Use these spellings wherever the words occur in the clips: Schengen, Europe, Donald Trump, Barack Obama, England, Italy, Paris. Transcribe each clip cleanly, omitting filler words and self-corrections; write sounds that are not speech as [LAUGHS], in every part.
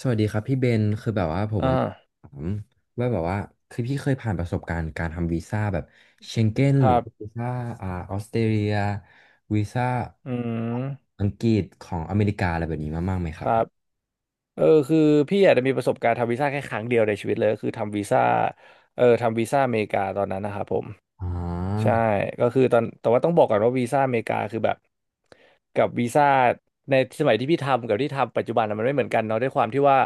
สวัสดีครับพี่เบนคือแบบว่าผมอ่า ถามว่าแบบว่าคือพี่เคยผ่านประสบการณ์การทำวีซ่าแบบเชงเก้นคหรือรัว่าวีบ ซ่าออสเตรเลียวีซ่าอืม อังกฤษของอเมริกาอะไรแบบนี้มาบ้างไหมคครับรับ เออ คือพี่อาจจะมีประสบการณ์ทำวีซ่าแค่ครั้งเดียวในชีวิตเลยก็คือทำวีซ่า ทำวีซ่าอเมริกาตอนนั้นนะครับผม อ่าใช่ก็คือตอนแต่ว่าต้องบอกก่อนว่าวีซ่าอเมริกาคือแบบกับวีซ่าในสมัยที่พี่ทำกับที่ทำปัจจุบันน่ะมันไม่เหมือนกันเนาะด้วยความที่ว่า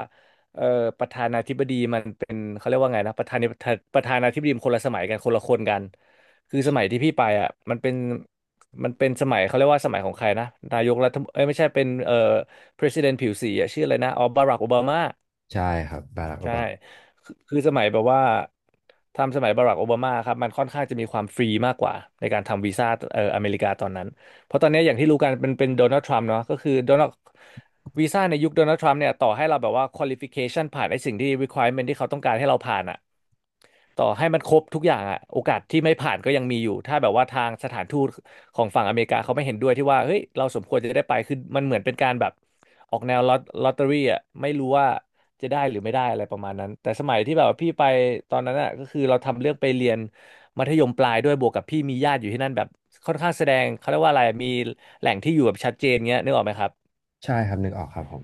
เอ่อประธานาธิบดีมันเป็นเขาเรียกว่าไงนะประธานาธิบดีมันคนละสมัยกันคนละคนกัน คือสมัยที่พี่ไปอ่ะมันเป็นสมัยเขาเรียกว่าสมัยของใครนะนายกรัฐมเอ้ยไม่ใช่เป็นpresident ผิวสีอ่ะชื่ออะไรนะออบารักโอบามา ใช่ครับบารักโอใช่บามาคือสมัยแบบว่าทำสมัยบารักโอบามาครับมันค่อนข้างจะมีความฟรีมากกว่าในการทำวีซ่าอเมริกาตอนนั้น เพราะตอนนี้อย่างที่รู้กันเป็นโดนัลด์ทรัมป์เนาะก็คือโดนัลด์วีซ่าในยุคโดนัลด์ทรัมป์เนี่ยต่อให้เราแบบว่าควอลิฟิเคชันผ่านไอ้สิ่งที่ requirement ที่เขาต้องการให้เราผ่านอะต่อให้มันครบทุกอย่างอะโอกาสที่ไม่ผ่านก็ยังมีอยู่ถ้าแบบว่าทางสถานทูตของฝั่งอเมริกาเขาไม่เห็นด้วยที่ว่าเฮ้ยเราสมควรจะได้ไปคือมันเหมือนเป็นการแบบออกแนวลอตเตอรี่อะไม่รู้ว่า จะได้หรือไม่ได้อะไรประมาณนั้นแต่สมัยที่แบบว่าพี่ไปตอนนั้นอ่ะก็คือเราทำเรื่องไปเรียนมัธยมปลายด้วยบวกกับพี่มีญาติอยู่ที่นั่นแบบค่อนข้างแสดงเขาเรียกว่าอะไรมีแหล่งที่อยู่แบบชัดเจนเงี้ยนึกออกไหมครับ ใช่ครับนึกออกครับผม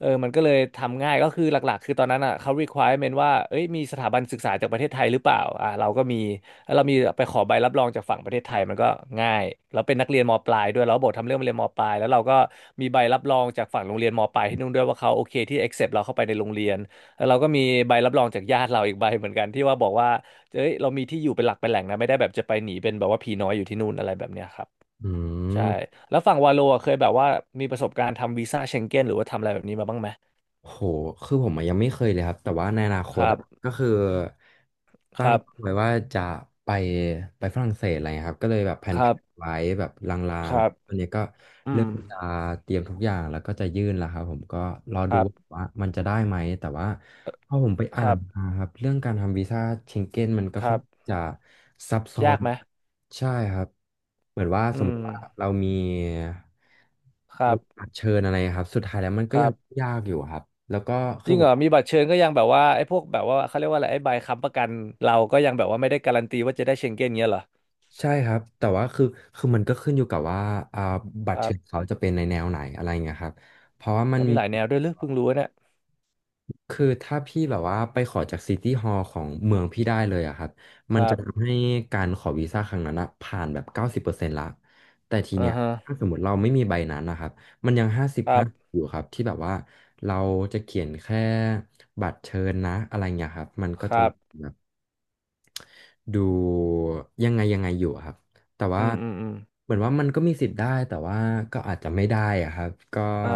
เออมันก็เลยทำง่ายก็คือหลักๆคือตอนนั้นอ่ะเขา requirement ว่าเอ้ยมีสถาบันศึกษาจากประเทศไทยหรือเปล่าอ่าเราก็มีแล้วเรามีไปขอใบรับรองจากฝั่งประเทศไทยมันก็ง่ายแล้วเป็นนักเรียนมปลายด้วยแล้บอกทำเรื่องเรียนมปลายแล้วเราก็มีใบรับรองจากฝั่งโรงเรียนมปลายที่นู่นด้วยว่าเขาโอเคที่ accept เราเข้าไปในโรงเรียนแล้วเราก็มีใบรับรองจากญาติเราอีกใบเหมือนกันที่ว่าบอกว่าเอ้ยเรามีที่อยู่เป็นหลักเป็นแหล่งนะไม่ได้แบบจะไปหนีเป็นแบบว่าผีน้อยอยู่ที่นู่นอะไรแบบเนี้ยครับอืใช่ม แล้วฝั่งวาโลอะเคยแบบว่ามีประสบการณ์ทำวีซ่าเชงเก้นหรือว่าทำอะไรแบบนี้มาบ้างไหม โหคือผมอะยังไม่เคยเลยครับ แต่ว่าในอนาคคตรับ อะก็คือคตั้งรับ ไว้ว่าจะไปไปฝรั่งเศสอะไรครับก็เลยแบบแผครันๆบ ไว้แบบลาคงรับๆตอนนี้ก็อืเริ่มมจะเตรียมทุกอย่างแล้วก็จะยื่นแล้วครับผมก็รอคดูรับ ว่ามันจะได้ไหม แต่ว่าพอผมไปคอ่ารันบ มาครับเรื่องการทำวีซ่าเชงเก้นมันก็คค่รัอนข้างบจะซับซ้อยากนไหมใช่ครับเหมือนว่าอืสมมติว่ามเรามี ครัมันอับญเชิญอะไรครับสุดท้ายแล้วมันก็ครัยังบ ยากอยู่ครับแล้วก็จคือริงบเหรออกมีบัตรเชิญก็ยังแบบว่าไอ้พวกแบบว่าเขาเรียกว่าอะไรไอ้ใบค้ำประกันเราก็ยังแบบว่าไม่ได้การันตีว่าจะได้เชงเก้นเงี้ยเหรอใช่ครับแต่ว่าคือมันก็ขึ้นอยู่กับว่าอ่าบัคตรรัเชิญบเขาจะเป็นในแนวไหนอะไรเงี้ยครับเพราะว่ามัแล้นวมีหลายแนวด้วยหรือเพิ่งรู้เนี่ยคือถ้าพี่แบบว่าไปขอจากซิตี้ฮอลล์ของเมืองพี่ได้เลยอะครับคมันรัจะบทำให้การขอวีซ่าครั้งนั้นอะผ่านแบบ90%ละแต่ทีอืเนี้อยฮะถ้าสมมติเราไม่มีใบนั้นนะครับมันยังห้าสิบครัห้าบอยู่ครับที่แบบว่าเราจะเขียนแค่บัตรเชิญนะอะไรเงี้ยครับมันก็คจะ รับดูยังไงยังไงอยู่อะครับแต่ว่าอืมอืมอืมเหมือนว่ามันก็มีสิทธิ์ได้แต่ว่าก็อาจจะไม่ได้อะครับก็อ่า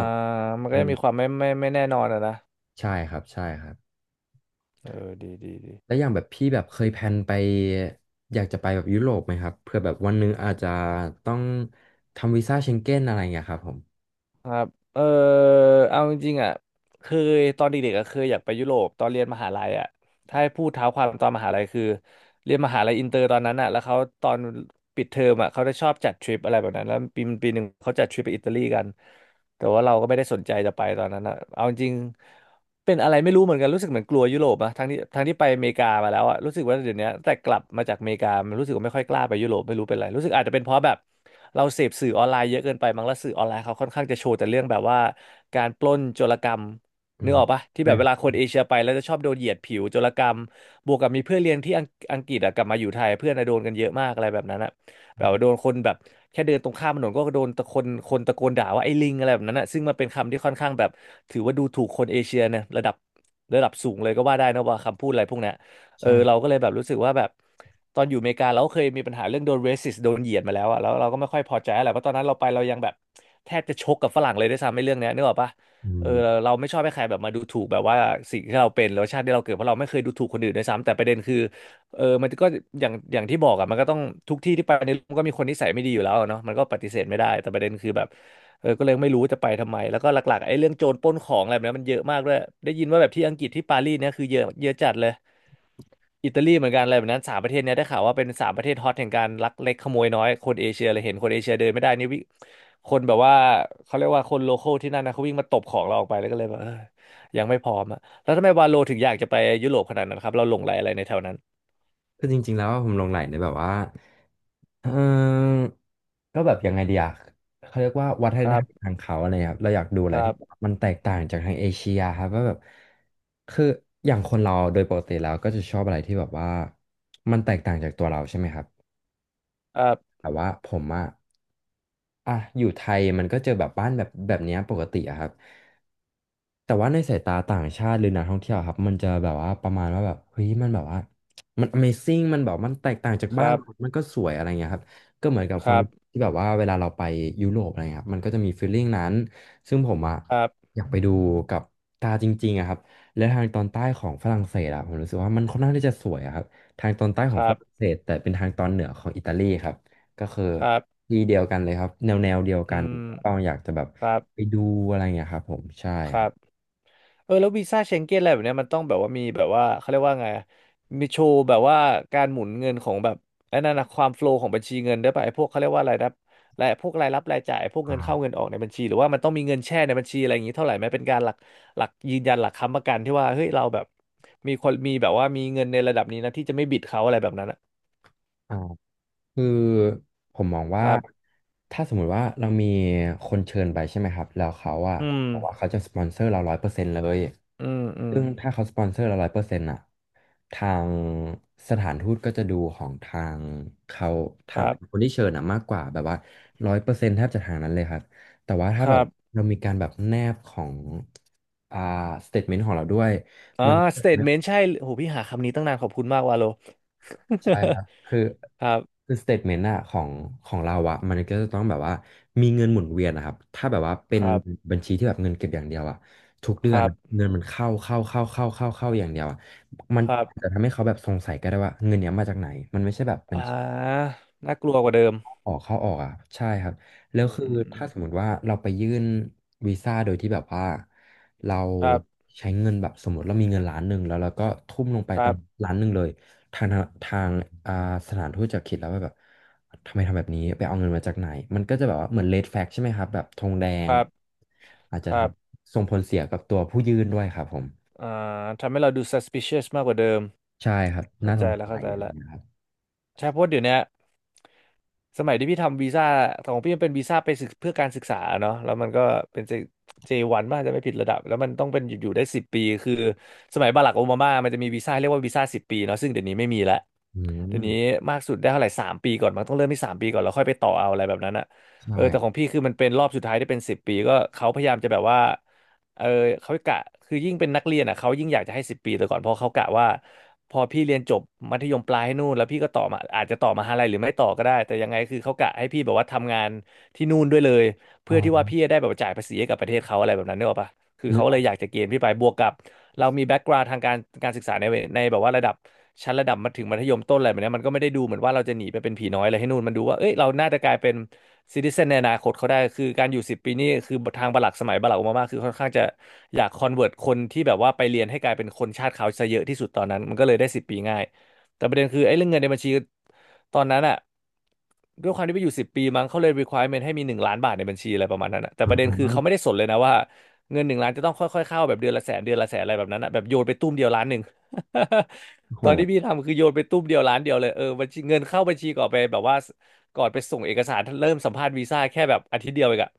มันก็มันจะมีความไม่แน่นอนอะนะใช่ครับใช่ครับเออดีดีดี แล้วอย่างแบบพี่แบบเคยแพลนไปอยากจะไปแบบยุโรปไหมครับเพื่อแบบวันหนึงอาจจะต้องทำวีซ่าเชงเก้นอะไรอย่างเงี้ยครับผมครับเออเอาจริงๆอ่ะเคยตอนเด็กๆอ่ะเคยอยากไปยุโรปตอนเรียนมหาลัยอ่ะถ้าให้พูดเท้าความตอนมหาลัยคือเรียนมหาลัยอินเตอร์ตอนนั้นอ่ะแล้วเขาตอนปิดเทอมอ่ะเขาจะชอบจัดทริปอะไรแบบนั้นแล้วปีหนึ่งเขาจัดทริปไปอิตาลีกันแต่ว่าเราก็ไม่ได้สนใจจะไปตอนนั้นอ่ะเอาจริง เป็นอะไรไม่รู้เหมือนกันรู้สึกเหมือนกลัวยุโรปอะทั้งที่ไปอเมริกามาแล้วอะรู้สึกว่าเดี๋ยวนี้แต่กลับมาจากอเมริกามันรู้สึกว่าไม่ค่อยกล้าไปยุโรปไม่รู้เป็นไรรู้สึกอาจจะเป็นเพราะแบบเราเสพสื่อออนไลน์เยอะเกินไปมั้งแล้วสื่อออนไลน์เขาค่อนข้างจะโชว์แต่เรื่องแบบว่าการปล้นโจรกรรมอืนึกมออกปะที่ใช่แบบคเวรัลาคบนเอเชียไปแล้วจะชอบโดนเหยียดผิวโจรกรรมบวกกับมีเพื่อนเรียนที่อังกฤษอะกลับมาอยู่ไทยเพื่อนอะโดนกันเยอะมากอะไรแบบนั้นอะ แบอืบว่ามโดนคนแบบแค่เดินตรงข้ามถนนก็โดนตะคนตะโกนด่าว่าไอ้ลิงอะไรแบบนั้นอ่ะซึ่งมันเป็นคำที่ค่อนข้างแบบถือว่าดูถูกคนเอเชียนะระดับสูงเลยก็ว่าได้นะว่าคำพูดอะไรพวกเนี้ยเออเราใช่ก็เลยแบบรู้สึกว่าแบบตอนอยู่อเมริกาเราก็เคยมีปัญหาเรื่องโดนเรสิสโดนเหยียดมาแล้วอ่ะแล้วเราก็ไม่ค่อยพอใจอะไรเพราะตอนนั้นเราไปเรายังแบบแทบจะชกกับฝรั่งเลยด้วยซ้ำในเรื่องเนี้ยนึกออกปะอืเออมเราไม่ชอบให้ใครแบบมาดูถูกแบบว่าสิ่งที่เราเป็นหรือว่าชาติที่เราเกิดเพราะเราไม่เคยดูถูกคนอื่นด้วยซ้ำแต่ประเด็นคือ เออมันก็อย่างที่บอกอะมันก็ต้องทุกที่ที่ไปในโลกมันก็มีคนนิสัยไม่ดีอยู่แล้วอะเนาะมันก็ปฏิเสธไม่ได้แต่ประเด็นคือแบบเออก็เลยไม่รู้จะไปทำไมแล้วก็หลักๆไอ้เรื่องโจรปล้นของอะไรแบบนั้นมันเยอะมากด้วยได้ยินว่าแบบที่อังกฤษที่ปารีสเนี่ยคือเยอะเยอะจัดเลยอิตาลีเหมือนกันอะไรแบบนั้นสามประเทศเนี่ยได้ข่าวว่าเป็นสามประเทศฮอตแห่งการลักเล็กขโมยน้อยคนเอเชียเลยเห็นคนเอเชียเดินไม่ได้นี่วิคนแบบว่าเขาเรียกว่าคนโลคอลที่นั่นนะเขาวิ่งมาตบของเราออกไปแล้วก็เลยแบบเออยังไม่พร้อมอะแล้วทำไมวาโลถึงอยากจะไปยุโรปขนาดนั้นครับเราหลงใหลอะไรในแถวนั้นคือจริงๆแล้วผมหลงใหลในแบบว่า เออก็แบบยังไงดีอะเขาเรียกว่าวัฒคนธรรัรมบทางเขาอะไรครับเราอยากดูอะคไรรัที่บ มันแตกต่างจากทางเอเชียครับว่าแบบคืออย่างคนเราโดยปกติแล้วก็จะชอบอะไรที่แบบว่ามันแตกต่างจากตัวเราใช่ไหมครับครับแต่ว่าผมอะอ่ะอยู่ไทยมันก็เจอแบบบ้านแบบเนี้ยปกติอะครับ แต่ว่าในสายตาต่างชาติหรือนักท่องเที่ยวครับมันจะแบบว่าประมาณว่าแบบเฮ้ยมันแบบว่ามัน Amazing มันแบบมันแตกต่างจากคบ้านรับเรามันก็สวยอะไรเงี้ยครับก็เหมือนกับคความรับรู้สึกที่แบบว่าเวลาเราไปยุโรปอะไรเงี้ยครับมันก็จะมีฟีลลิ่งนั้นซึ่งผมอะครับอยากไปดูกับตาจริงๆอะครับและทางตอนใต้ของฝรั่งเศสอะผมรู้สึกว่ามันค่อนข้างที่จะสวยอะครับทางตอนใต้ขคองรัฝบรั่งเศสแต่เป็นทางตอนเหนือของอิตาลีครับก็คือครับที่เดียวกันเลยครับแนวแนวเดียวอืกันมก็อยากจะแบบครับไปดูอะไรเงี้ยครับผมใช่คครัรับ บเออแล้ววีซ่าเชงเก้นอะไรแบบเนี้ยมันต้องแบบว่ามีแบบว่าเขาเรียกว่าไงอะมีโชว์แบบว่าการหมุนเงินของแบบไอ้นั่นนะความโฟลว์ของบัญชีเงินได้วยป่ะไอ้พวกเขาเรียกว่าอะไรนะรายพวกรายรับรายจ่ายพวกเงินเข้าเงิอ่านออกในบัญชีหรือว่ามันต้องมีเงินแช่ในบัญชีอะไรอย่างนี้เท่าไหร่ไหมเป็นการหลักยืนยันหลักค้ำประกันที่ว่าเฮ้ยเราแบบมีคนมีแบบว่ามีเงินในระดับนี้นะที่จะไม่บิดเขาอะไรแบบนั้นนะอ่าคือผมมองคว่ารับถ้าสมมุติว่าเรามีคนเชิญไปใช่ไหมครับแล้วเขาอะอืมบอกว่าเขาจะสปอนเซอร์เราร้อยเปอร์เซ็นต์เลยอืมอืมซึ่งถ้าเขาสปอนเซอร์เราร้อยเปอร์เซ็นต์อะทางสถานทูตก็จะดูของทางเขาคทางรับคนที่เชิญอะมากกว่าแบบว่าร้อยเปอร์เซ็นต์แทบจะทางนั้นเลยครับแต่ว่าคถ้าแบรับบ เรามีการแบบแนบของอ่าสเตทเมนต์ของเราด้วยอ่ามัน สเตทเมนต์ใช่โหพี่หาคำนี้ตั้งนานขอบคุณมากวาโล ใช่ครั [LAUGHS] บคือครับคือสเตทเมนต์อะของของเราอะมันก็จะต้องแบบว่ามีเงินหมุนเวียนนะครับถ้าแบบว่าเป็คนรับบัญชีที่แบบเงินเก็บอย่างเดียวอะทุกเดืคอนรับเงินมันเข้าเข้าเข้าเข้าเข้าเข้าอย่างเดียวอะมันครับจะทำให้เขาแบบสงสัยก็ได้ว่าเงินเนี้ยมาจากไหนมันไม่ใช่แบบอ่าน่ากลัวกว่าเดิมออกเข้าออกอ่ะใช่ครับแล้วอืมคืออืมอืถ้ามสมมติว่าเราไปยื่นวีซ่าโดยที่แบบว่าเราครับใช้เงินแบบสมมติเรามีเงินล้านหนึ่งแล้วเราก็ทุ่มลงไปครัตั้งบล้านหนึ่งเลยทางทางอ่าสถานทูตจะคิดแล้วว่าแบบทำไมทำแบบนี้ไปเอาเงินมาจากไหนมันก็จะแบบว่าเหมือนเลดแฟกใช่ไหมครับแบบธงแดคงรับอาจจะคทรับำส่งผลเสียกับตัวผู้ยื่นด้วยครับผมอ่าทำให้เราดู suspicious มากกว่าเดิมใช่ครับเข้าน่าสใจงแล้วสัเข้ายใจตรงแล้วนี้ครับใช่เพราะเดี๋ยวเนี้ย สมัยที่พี่ทำวีซ่าของพี่มันเป็นวีซ่าไปศึกเพื่อการศึกษาเนาะแล้วมันก็เป็นเจวันมากจะไม่ผิดระดับแล้วมันต้องเป็นอยู่ได้สิบปีคือสมัยบารักโอบามามันจะมีวีซ่าเรียกว่าวีซ่า 10 ปีเนาะซึ่งเดี๋ยวนี้ไม่มีแล้วอืเดี๋มยวนี้มากสุดได้เท่าไหร่สามปีก่อนมันต้องเริ่มที่สามปีก่อนแล้วค่อยไปต่อเอาอะไรแบบนั้นอะเออแต่ขอใช่งพี่คือมันเป็นรอบสุดท้ายได้เป็นสิบปีก็เขาพยายามจะแบบว่า เออเขากะคือยิ่งเป็นนักเรียนอ่ะเขายิ่งอยากจะให้สิบปีแต่ก่อนเพราะเขากะว่าพอพี่เรียนจบมัธยมปลายให้นู่นแล้วพี่ก็ต่อมาอาจจะต่อมหาลัยหรือไม่ต่อก็ได้แต่ยังไงคือเขากะให้พี่แบบว่าทำงานที่นู่นด้วยเลยเพื่อที่ว่าอ่าพี่จะได้แบบจ่ายภาษีให้กับประเทศเขาอะไรแบบนั้นนึกออกปะคือนึเขากอเลอกยอยากจะเกณฑ์พี่ไปบวกกับเรามีแบ็กกราวด์ทางการศึกษาในแบบว่าระดับชั้นระดับมาถึงมัธยมต้นอะไรแบบเนี้ยมันก็ไม่ได้ดูเหมือนว่าเราจะหนีไปเป็นผีน้อยอะไรให้นู่นมันดูว่าเอ้ยเราน่าจะกลายเป็น ซิติเซนในอนาคตเขาได้คือการอยู่สิบปีนี่คือทางบรัคสมัยบรัคโอบามาคือค่อนข้างจะอยากคอนเวิร์ตคนที่แบบว่าไปเรียนให้กลายเป็นคนชาติเขาวซะเยอะที่สุดตอนนั้นมันก็เลยได้สิบปีง่ายแต่ประเด็นคือไอ้เรื่องเงินในบัญชีตอนนั้นอะด้วยความที่ไปอยู่สิบปีมั้งเขาเลย requirement ให้มี1,000,000 บาทในบัญชีอะไรประมาณนั้นอะแต่แประเด็นคือล้วเขาไม่ได้สนเลยนะว่าเงิน 1,000,000จะต้องค่อยๆเข้าแบบเดือนละแสนเดือนละแสนอะไรแบบนั้นอะแบบโยนไปตุ้มเดียวล้านหนึ่ง [LAUGHS] ตอนโที่พี่ทำคือโยนไปตุ้มเดียวล้านเดียวเลยเออบัญชีเงินเข้าบัญชีก่อนไปแบบว่า ก่อนไปส่งเอกสาร เริ่มสัมภาษณ์วีซ่าแค่แบบอาทิตย์เดียวเองอะ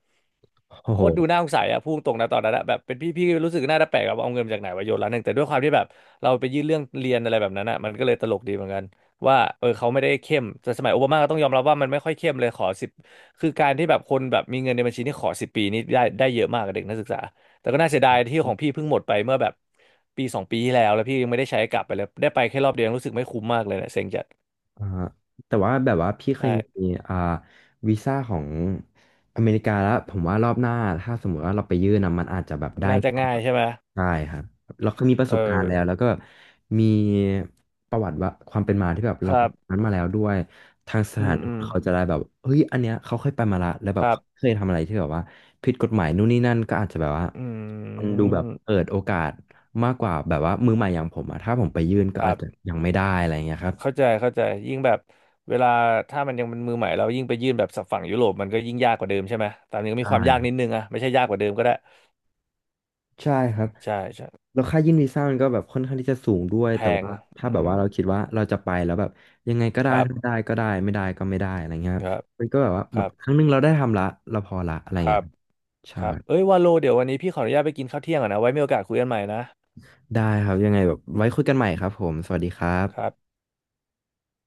หโคโห ตรดูน่าสงสัยอะพูดตรงนะตอนนั้นอะแบบเป็นพี่รู้สึกน่าจะแปลกอะว่าเอาเงินมาจากไหนวะโยนล้านหนึ่งแต่ด้วยความที่แบบเราไปยื่นเรื่องเรียนอะไรแบบนั้นอะมันก็เลยตลกดีเหมือนกันว่าเออเขาไม่ได้เข้มแต่สมัยโอบามาก็ต้องยอมรับว่ามันไม่ค่อยเข้มเลยขอสิบคือการที่แบบคนแบบมีเงินในบัญชีนี่ขอสิบปีนี่ได้เยอะมากกับเด็กนักศึกษาแต่ก็น่าเสียดายที่ของพี่เพิ่งหมดไปเมื่อแบบปีสองปีที่แล้วแล้วพี่ยังไม่ได้ใช้กลับไปเลยได้ไปแค่รอบเดียวยังรู้สึกไม่คุ้มมากเลยเนะเซ็งจัดอ่าแต่ว่าแบบว่าพี่เคใช่ยมีอ่าวีซ่าของอเมริกาแล้วผมว่ารอบหน้าถ้าสมมติว่าเราไปยื่นนะมันอาจจะแบบได้น่าจะง่ายง่ากยว่าใช่ไหมใช่ครับเราเคยมีประเอสบการอ ณ์แล้วแล้วก็มีประวัติว่าความเป็นมาที่แบบคเรารัผ่านบนั้นมาแล้วด้วยทางสอืถามนทูอืตมเขาจะได้แบบเฮ้ยอันเนี้ยเขาเคยไปมาละแล้วแบคบรัเขาเคบยทำอะไรที่แบบว่าผิดกฎหมายนู่นนี่นั่นก็อาจจะแบบว่าอืมันดูแบบเปิมดโอกาสมากกว่าแบบว่ามือใหม่อย่างผมอะถ้าผมไปยื่นก็คอารัจจะบยังไม่ได้อะไรเงี้ยครับเข้าใจเข้าใจยิ่งแบบเวลาถ้ามันยังเป็นมือใหม่เรายิ่งไปยื่นแบบฝั่งยุโรปมันก็ยิ่งยากกว่าเดิมใช่ไหมตามนี้ก็มีความยากใช่ นิดนึงอะไม่ใช่ยากกว่าเดิมก็ได้ ใช่ครับ ใช่ใช่แล้วค่ายื่นวีซ่ามันก็แบบค่อนข้างที่จะสูงด้วย แพแต่งว่าอะอืถ้าแบบมว่าเราคิดว่าเราจะไปแล้วแบบยังไงก็คได้รับถ้าได้ก็ได้ไม่ได้ก็ไม่ได้อะไรเงี้ยครัคบรับมันก็แบบว่าคเหมือนรับครั้งหนึงเราได้ทำละเราพอละอะไรคเงี้รัยบใช่ครับเอ้ยวาโลเดี๋ยววันนี้พี่ขออนุญาตไปกินข้าวเที่ยงก่อนนะไว้มีโอกาสคุยกันใหม่นะได้ครับยังไงแบบไว้คุยกันใหม่ครับผมสวัสดีครัครับบ